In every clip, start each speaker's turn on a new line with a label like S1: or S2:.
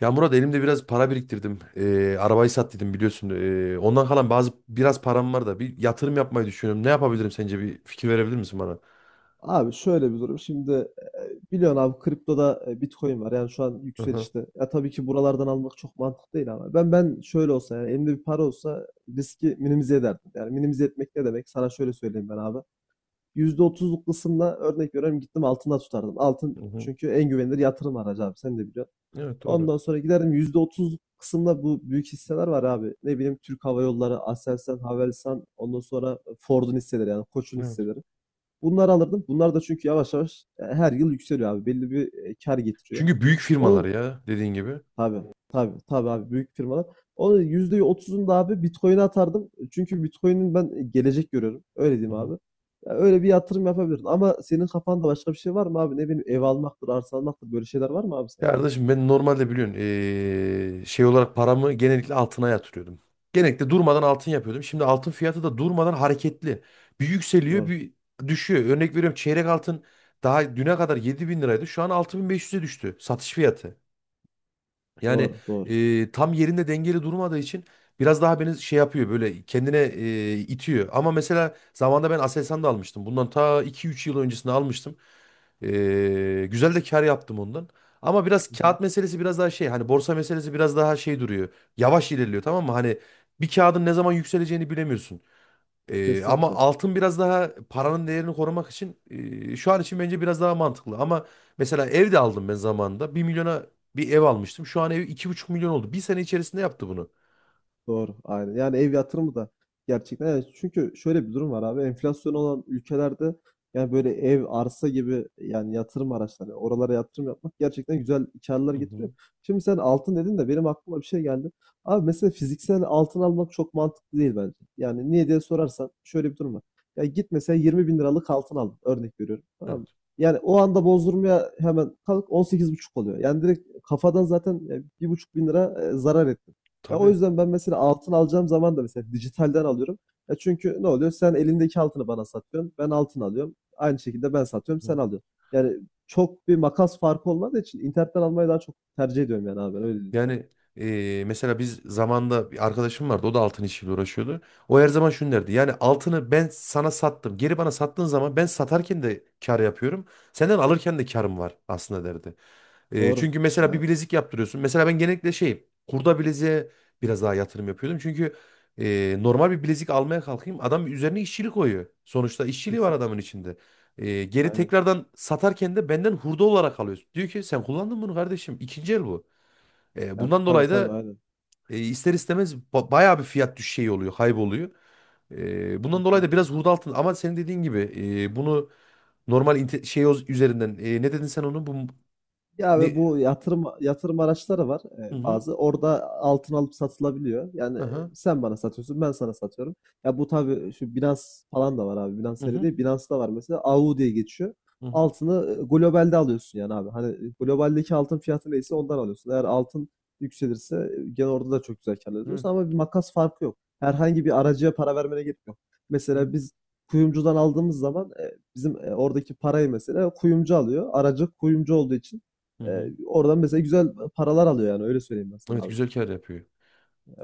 S1: Ya Murat elimde biraz para biriktirdim. Arabayı sat dedim biliyorsun. Ondan kalan bazı biraz param var da bir yatırım yapmayı düşünüyorum. Ne yapabilirim sence, bir fikir verebilir misin bana?
S2: Abi şöyle bir durum. Şimdi biliyorsun abi kriptoda Bitcoin var. Yani şu an
S1: Hı hı.
S2: yükselişte. Ya tabii ki buralardan almak çok mantıklı değil ama ben şöyle olsa yani elimde bir para olsa riski minimize ederdim. Yani minimize etmek ne demek? Sana şöyle söyleyeyim ben abi. %30'luk kısımla örnek veriyorum gittim altında tutardım. Altın
S1: Hı hı.
S2: çünkü en güvenilir yatırım aracı abi sen de biliyorsun.
S1: Evet, doğru.
S2: Ondan sonra giderdim %30'luk kısımda bu büyük hisseler var abi. Ne bileyim Türk Hava Yolları, Aselsan, Havelsan, ondan sonra Ford'un hisseleri yani Koç'un
S1: Evet.
S2: hisseleri. Bunları alırdım. Bunlar da çünkü yavaş yavaş her yıl yükseliyor abi. Belli bir kar getiriyor.
S1: Çünkü büyük firmalar
S2: Onun
S1: ya, dediğin gibi. Hı
S2: tabii tabii tabii abi büyük firmalar. Onun %30'unu da abi Bitcoin'e atardım. Çünkü Bitcoin'in ben gelecek görüyorum. Öyle diyeyim
S1: hı.
S2: abi. Ya öyle bir yatırım yapabilirdin. Ama senin kafanda başka bir şey var mı abi? Ne bileyim ev almaktır, arsa almaktır böyle şeyler var mı abi
S1: Ya
S2: sende?
S1: kardeşim, ben normalde biliyorsun şey olarak paramı genellikle altına yatırıyordum. Genellikle durmadan altın yapıyordum. Şimdi altın fiyatı da durmadan hareketli. Bir yükseliyor
S2: Doğru.
S1: bir düşüyor. Örnek veriyorum, çeyrek altın daha düne kadar 7 bin liraydı. Şu an 6.500'e düştü satış fiyatı. Yani
S2: Doğru, doğru.
S1: tam yerinde dengeli durmadığı için biraz daha beni şey yapıyor, böyle kendine itiyor. Ama mesela zamanında ben Aselsan da almıştım. Bundan ta iki üç yıl öncesinde almıştım. Güzel de kar yaptım ondan. Ama biraz
S2: Hı hı.
S1: kağıt meselesi, biraz daha şey hani, borsa meselesi biraz daha şey duruyor. Yavaş ilerliyor, tamam mı? Hani bir kağıdın ne zaman yükseleceğini bilemiyorsun. Ama
S2: Kesinlikle.
S1: altın biraz daha paranın değerini korumak için şu an için bence biraz daha mantıklı. Ama mesela ev de aldım ben zamanında. Bir milyona bir ev almıştım. Şu an ev 2,5 milyon oldu. Bir sene içerisinde yaptı bunu.
S2: Doğru, aynen. Yani ev yatırımı da gerçekten yani çünkü şöyle bir durum var abi enflasyon olan ülkelerde yani böyle ev, arsa gibi yani yatırım araçları oralara yatırım yapmak gerçekten güzel karlar
S1: Hı
S2: getiriyor.
S1: hı.
S2: Şimdi sen altın dedin de benim aklıma bir şey geldi. Abi mesela fiziksel altın almak çok mantıklı değil bence. Yani niye diye sorarsan şöyle bir durum var. Ya git mesela 20 bin liralık altın al örnek veriyorum tamam mı?
S1: Evet,
S2: Yani o anda bozdurmaya hemen kalk 18,5 oluyor. Yani direkt kafadan zaten bir buçuk bin lira zarar etti. Ya o
S1: tabii.
S2: yüzden ben mesela altın alacağım zaman da mesela dijitalden alıyorum. Ya çünkü ne oluyor? Sen elindeki altını bana satıyorsun. Ben altın alıyorum. Aynı şekilde ben satıyorum,
S1: Hı
S2: sen
S1: hı.
S2: alıyorsun. Yani çok bir makas farkı olmadığı için internetten almayı daha çok tercih ediyorum yani abi ben öyle diyeyim sana.
S1: Yani mesela biz zamanda bir arkadaşım vardı. O da altın işiyle uğraşıyordu. O her zaman şunu derdi. Yani altını ben sana sattım. Geri bana sattığın zaman ben satarken de kar yapıyorum. Senden alırken de karım var aslında, derdi.
S2: Doğru.
S1: Çünkü mesela
S2: Yani
S1: bir bilezik yaptırıyorsun. Mesela ben genellikle şey, kurda bileziğe biraz daha yatırım yapıyordum. Çünkü normal bir bilezik almaya kalkayım adam üzerine işçilik koyuyor. Sonuçta işçiliği var adamın
S2: kesinlikle.
S1: içinde. Geri
S2: Aynen.
S1: tekrardan satarken de benden hurda olarak alıyor. Diyor ki sen kullandın bunu kardeşim. İkinci el bu.
S2: Ya
S1: Bundan
S2: tabii
S1: dolayı
S2: tabii
S1: da
S2: aynen.
S1: ister istemez bayağı bir fiyat düşüşü şey oluyor, kayboluyor. Bundan dolayı da
S2: Kesinlikle.
S1: biraz hurda altın, ama senin dediğin gibi bunu normal şey üzerinden ne dedin sen onu, bu
S2: Ya ve
S1: ne,
S2: bu yatırım araçları var
S1: hı hı
S2: bazı. Orada altın alıp satılabiliyor. Yani
S1: hı
S2: sen bana satıyorsun, ben sana satıyorum. Ya bu tabii şu Binance falan da var abi. Binance
S1: hı
S2: seri
S1: hı.
S2: değil. Binance'da var mesela. AU diye geçiyor.
S1: Hı hı.
S2: Altını globalde alıyorsun yani abi. Hani globaldeki altın fiyatı neyse ondan alıyorsun. Eğer altın yükselirse gene orada da çok güzel kâr elde
S1: Evet.
S2: ediyorsun ama bir makas farkı yok. Herhangi bir aracıya para vermene gerek yok.
S1: Evet.
S2: Mesela biz kuyumcudan aldığımız zaman bizim oradaki parayı mesela kuyumcu alıyor. Aracı kuyumcu olduğu için
S1: Hı hı.
S2: oradan mesela güzel paralar alıyor yani öyle söyleyeyim ben sana
S1: Evet,
S2: abi.
S1: güzel kar yapıyor.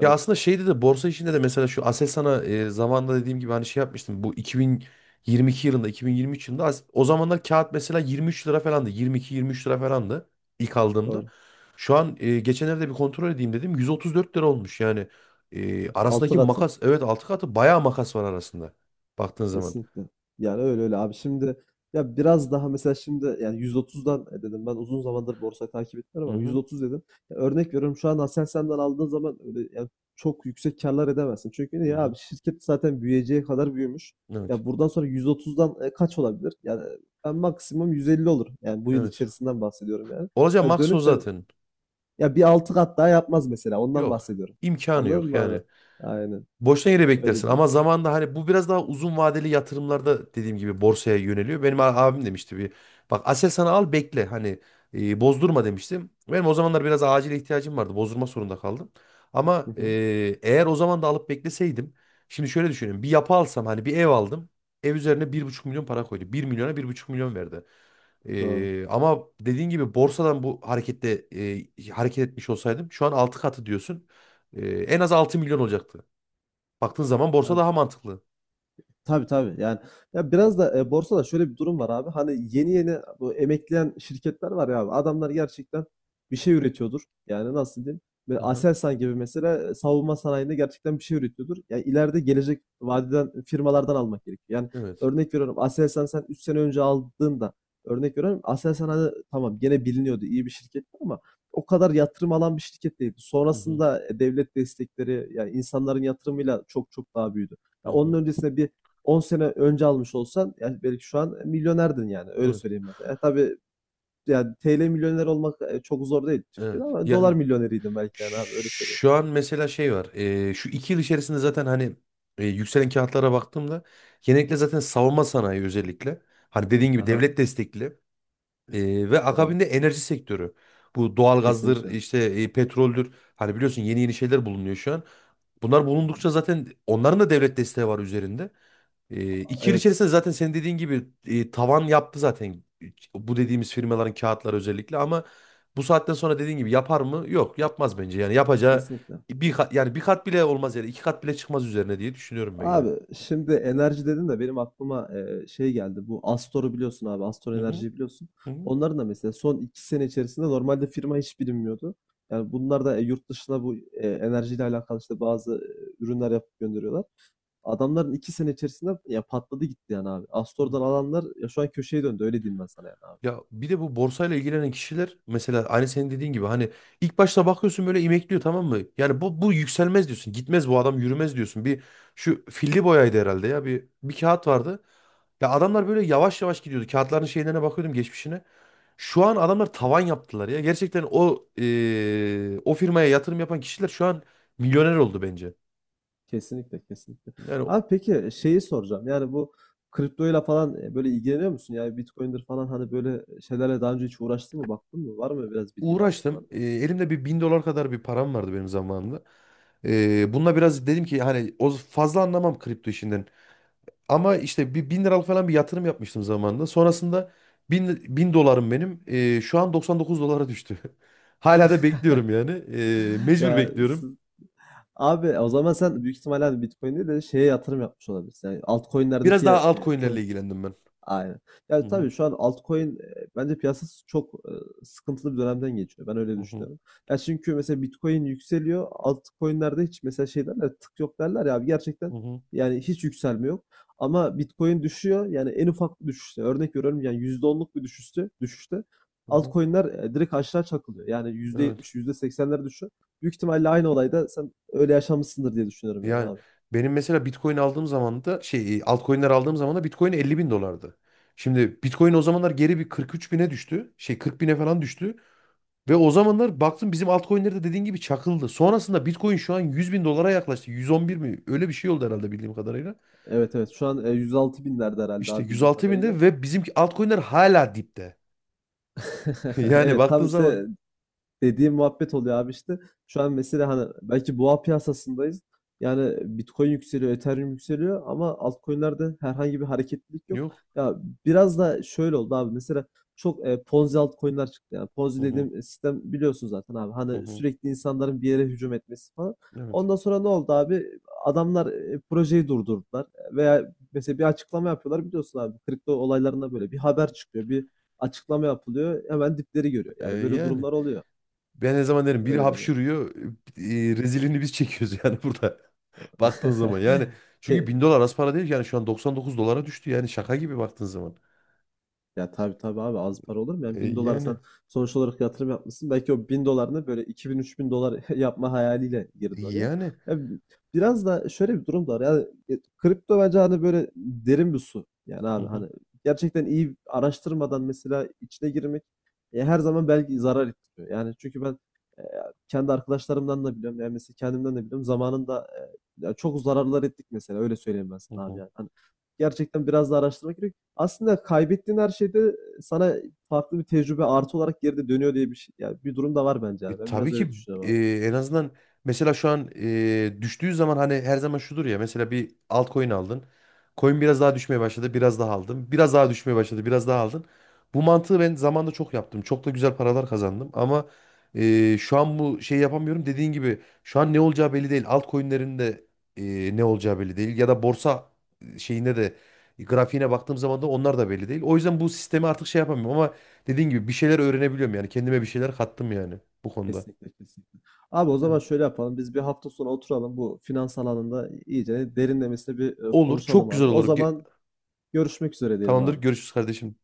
S1: Ya aslında şeyde de borsa işinde de mesela şu Aselsan'a zamanında dediğim gibi hani şey yapmıştım. Bu 2022 yılında, 2023 yılında o zamanlar kağıt mesela 23 lira falandı. 22-23 lira falandı ilk aldığımda.
S2: doğru.
S1: Şu an geçenlerde bir kontrol edeyim dedim. 134 lira olmuş yani.
S2: Altı
S1: Arasındaki
S2: katı
S1: makas, evet altı katı bayağı makas var arasında. Baktığın zaman.
S2: kesinlikle. Yani öyle öyle abi. Şimdi ya biraz daha mesela şimdi yani 130'dan dedim ben uzun zamandır borsayı takip etmiyorum
S1: Hı
S2: ama
S1: hı.
S2: 130 dedim. Ya örnek veriyorum şu an Aselsan'dan aldığın zaman öyle yani çok yüksek karlar edemezsin. Çünkü
S1: Hı
S2: niye
S1: hı.
S2: abi şirket zaten büyüyeceği kadar büyümüş.
S1: Evet.
S2: Ya buradan sonra 130'dan kaç olabilir? Yani ben maksimum 150 olur. Yani bu yıl
S1: Evet.
S2: içerisinden bahsediyorum yani.
S1: Olacak
S2: Ya
S1: maks o
S2: dönüp de
S1: zaten.
S2: Ya bir altı kat daha yapmaz mesela. Ondan
S1: Yok.
S2: bahsediyorum.
S1: İmkanı
S2: Anladın
S1: yok
S2: mı
S1: yani.
S2: abi? Aynen.
S1: Boşuna yere
S2: Öyle
S1: beklersin,
S2: değil.
S1: ama zamanda hani bu biraz daha uzun vadeli yatırımlarda dediğim gibi borsaya yöneliyor. Benim abim demişti bir bak, Aselsan'ı al bekle hani bozdurma demiştim. Benim o zamanlar biraz acil ihtiyacım vardı, bozdurma zorunda kaldım.
S2: Hı
S1: Ama
S2: hı.
S1: eğer o zaman da alıp bekleseydim şimdi şöyle düşünüyorum, bir yapı alsam hani bir ev aldım, ev üzerine 1,5 milyon para koydu, bir milyona 1,5 milyon verdi.
S2: Doğru.
S1: Ama dediğin gibi borsadan bu harekette hareket etmiş olsaydım şu an 6 katı diyorsun, en az 6 milyon olacaktı. Baktığın zaman borsa
S2: Ya
S1: daha mantıklı.
S2: tabii tabii. Yani ya biraz da borsada şöyle bir durum var abi. Hani yeni yeni bu emekleyen şirketler var ya abi. Adamlar gerçekten bir şey üretiyordur. Yani nasıl diyeyim? Böyle
S1: Hı hı.
S2: Aselsan gibi mesela savunma sanayinde gerçekten bir şey üretiyordur. Ya ileride gelecek vadeden firmalardan almak gerekiyor. Yani
S1: Evet.
S2: örnek veriyorum Aselsan sen 3 sene önce aldığında örnek veriyorum Aselsan hani tamam gene biliniyordu iyi bir şirketti ama o kadar yatırım alan bir şirket değildi.
S1: Hı hı,
S2: Sonrasında devlet destekleri yani insanların yatırımıyla çok çok daha büyüdü.
S1: hı
S2: Ya onun
S1: hı.
S2: öncesinde bir 10 sene önce almış olsan yani belki şu an milyonerdin yani öyle
S1: Evet.
S2: söyleyeyim mesela. Tabii yani TL milyoner olmak çok zor değil Türkiye'de
S1: Evet.
S2: ama dolar
S1: Yani
S2: milyoneriydim belki yani abi öyle söyleyeyim.
S1: şu an mesela şey var. Şu iki yıl içerisinde zaten hani yükselen kağıtlara baktığımda genellikle zaten savunma sanayi özellikle. Hani dediğin gibi
S2: Aha,
S1: devlet destekli. Ve
S2: doğru.
S1: akabinde enerji sektörü. Bu doğalgazdır
S2: Kesinlikle. Hı
S1: işte, petroldür. Hani biliyorsun yeni yeni şeyler bulunuyor şu an. Bunlar
S2: hı.
S1: bulundukça zaten onların da devlet desteği var üzerinde. İki yıl içerisinde
S2: Evet,
S1: zaten senin dediğin gibi tavan yaptı zaten bu dediğimiz firmaların kağıtları özellikle, ama bu saatten sonra dediğin gibi yapar mı? Yok, yapmaz bence. Yani yapacağı
S2: kesinlikle.
S1: bir kat, yani bir kat bile olmaz, yani iki kat bile çıkmaz üzerine diye düşünüyorum ben yani.
S2: Abi şimdi enerji dedin de benim aklıma şey geldi. Bu Astor'u biliyorsun abi. Astor
S1: Hı hı.
S2: Enerji'yi biliyorsun.
S1: Hı hı.
S2: Onların da mesela son 2 sene içerisinde normalde firma hiç bilinmiyordu. Yani bunlar da yurt dışına bu enerjiyle alakalı işte bazı ürünler yapıp gönderiyorlar. Adamların 2 sene içerisinde ya patladı gitti yani abi.
S1: Hı.
S2: Astor'dan alanlar ya şu an köşeye döndü öyle diyeyim ben sana yani abi.
S1: Ya bir de bu borsayla ilgilenen kişiler mesela, aynı senin dediğin gibi hani ilk başta bakıyorsun böyle imekliyor, tamam mı? Yani bu yükselmez diyorsun. Gitmez bu adam, yürümez diyorsun. Bir şu filli boyaydı herhalde ya, bir kağıt vardı. Ya adamlar böyle yavaş yavaş gidiyordu. Kağıtların şeylerine bakıyordum, geçmişine. Şu an adamlar tavan yaptılar ya. Gerçekten o firmaya yatırım yapan kişiler şu an milyoner oldu bence.
S2: Kesinlikle kesinlikle.
S1: Yani
S2: Abi peki şeyi soracağım. Yani bu kriptoyla falan böyle ilgileniyor musun? Yani Bitcoin'dir falan hani böyle şeylerle daha önce hiç uğraştın mı? Baktın mı? Var mı biraz bilgin abi
S1: uğraştım.
S2: oralarda?
S1: Elimde bir bin dolar kadar bir param vardı benim zamanımda. Bununla biraz dedim ki, hani o fazla anlamam kripto işinden. Ama işte bir bin liralık falan bir yatırım yapmıştım zamanında. Sonrasında bin dolarım benim. Şu an 99 dolara düştü. Hala da bekliyorum yani. Mecbur
S2: Ya
S1: bekliyorum.
S2: siz- Abi o zaman sen büyük ihtimalle hani Bitcoin değil de şeye yatırım yapmış olabilirsin. Yani
S1: Biraz
S2: altcoin'lerdeki
S1: daha altcoin'lerle
S2: coin'lere.
S1: ilgilendim ben.
S2: Aynen.
S1: Hı
S2: Yani
S1: hı,
S2: tabii şu an altcoin, bence piyasası çok, sıkıntılı bir dönemden geçiyor. Ben öyle
S1: hı hı,
S2: düşünüyorum. Ya çünkü mesela Bitcoin yükseliyor. Altcoin'lerde hiç mesela şey derler "tık yok" derler ya abi gerçekten
S1: hı hı,
S2: yani hiç yükselme yok. Ama Bitcoin düşüyor. Yani en ufak bir düşüşte örnek veriyorum yani %10'luk bir düşüşte
S1: hı hı.
S2: altcoin'ler, direkt aşağı çakılıyor. Yani yüzde
S1: Evet.
S2: yetmiş, yüzde %80'lere düşüyor. Büyük ihtimalle aynı olay da sen öyle yaşamışsındır diye düşünüyorum yani
S1: Yani
S2: abi.
S1: benim mesela Bitcoin aldığım zaman da, şey altcoin'ler aldığım zaman da Bitcoin 50.000 dolardı. Şimdi Bitcoin o zamanlar geri bir 43 bine düştü. Şey 40 bine falan düştü. Ve o zamanlar baktım bizim altcoin'ler de dediğin gibi çakıldı. Sonrasında Bitcoin şu an 100 bin dolara yaklaştı. 111 mi? Öyle bir şey oldu herhalde bildiğim kadarıyla.
S2: Evet, evet. Şu an, 106.000'lerde herhâlde
S1: İşte
S2: abi bildiğim
S1: 106
S2: kadarıyla.
S1: binde ve bizimki altcoin'ler hala dipte. Yani
S2: Evet,
S1: baktığın
S2: tam işte
S1: zaman
S2: dediğim muhabbet oluyor abi işte. Şu an mesela hani belki boğa piyasasındayız. Yani Bitcoin yükseliyor, Ethereum yükseliyor ama altcoin'lerde herhangi bir hareketlilik yok.
S1: yok.
S2: Ya biraz da şöyle oldu abi. Mesela çok Ponzi altcoin'ler çıktı. Yani Ponzi
S1: Hı hı,
S2: dediğim sistem biliyorsun zaten abi.
S1: hı
S2: Hani
S1: hı.
S2: sürekli insanların bir yere hücum etmesi falan.
S1: Evet.
S2: Ondan sonra ne oldu abi? Adamlar projeyi durdurdular veya mesela bir açıklama yapıyorlar biliyorsun abi kripto olaylarında böyle bir haber çıkıyor, bir açıklama yapılıyor hemen dipleri görüyor. Yani böyle
S1: Yani.
S2: durumlar oluyor.
S1: Ben ne zaman derim biri
S2: Öyle dedi.
S1: hapşırıyor, rezilini biz çekiyoruz yani burada. Baktığın zaman yani,
S2: Ki
S1: çünkü 1000 dolar az para değil ki. Yani şu an 99 dolara düştü yani, şaka gibi baktığın zaman.
S2: ya tabii tabii abi az para olur mu? Yani 1.000 dolar sen
S1: Yani
S2: sonuç olarak yatırım yapmışsın. Belki o 1000 dolarını böyle 2 bin 3 bin dolar yapma hayaliyle girdin oraya.
S1: yani.
S2: Ya biraz da şöyle bir durum da var. Yani kripto bence hani böyle derin bir su. Yani
S1: Hı
S2: abi
S1: hı,
S2: hani gerçekten iyi araştırmadan mesela içine girmek her zaman belki zarar ettiriyor. Yani çünkü ben e, kendi arkadaşlarımdan da biliyorum. Yani mesela kendimden de biliyorum. Zamanında ya çok zararlar ettik mesela. Öyle söyleyeyim ben
S1: hı
S2: sana abi
S1: hı.
S2: yani. Hani gerçekten biraz da araştırmak gerek. Aslında kaybettiğin her şeyde sana farklı bir tecrübe artı olarak geride dönüyor diye bir şey. Yani bir durum da var bence yani. Ben
S1: Tabii
S2: biraz öyle
S1: ki
S2: düşünüyorum abi.
S1: en azından mesela şu an düştüğü zaman, hani her zaman şudur ya, mesela bir altcoin aldın. Coin biraz daha düşmeye başladı, biraz daha aldın. Biraz daha düşmeye başladı, biraz daha aldın. Bu mantığı ben zamanında çok yaptım. Çok da güzel paralar kazandım, ama şu an bu şey yapamıyorum. Dediğin gibi şu an ne olacağı belli değil. Altcoin'lerin de ne olacağı belli değil ya da borsa şeyinde de grafiğine baktığım zaman da onlar da belli değil. O yüzden bu sistemi artık şey yapamıyorum, ama dediğin gibi bir şeyler öğrenebiliyorum yani. Kendime bir şeyler kattım yani bu konuda.
S2: Kesinlikle kesinlikle. Abi o
S1: Yani
S2: zaman şöyle yapalım. Biz bir hafta sonra oturalım bu finans alanında iyice derinlemesine bir
S1: olur.
S2: konuşalım
S1: Çok güzel
S2: abi. O
S1: olur.
S2: zaman görüşmek üzere diyelim
S1: Tamamdır.
S2: abi.
S1: Görüşürüz kardeşim.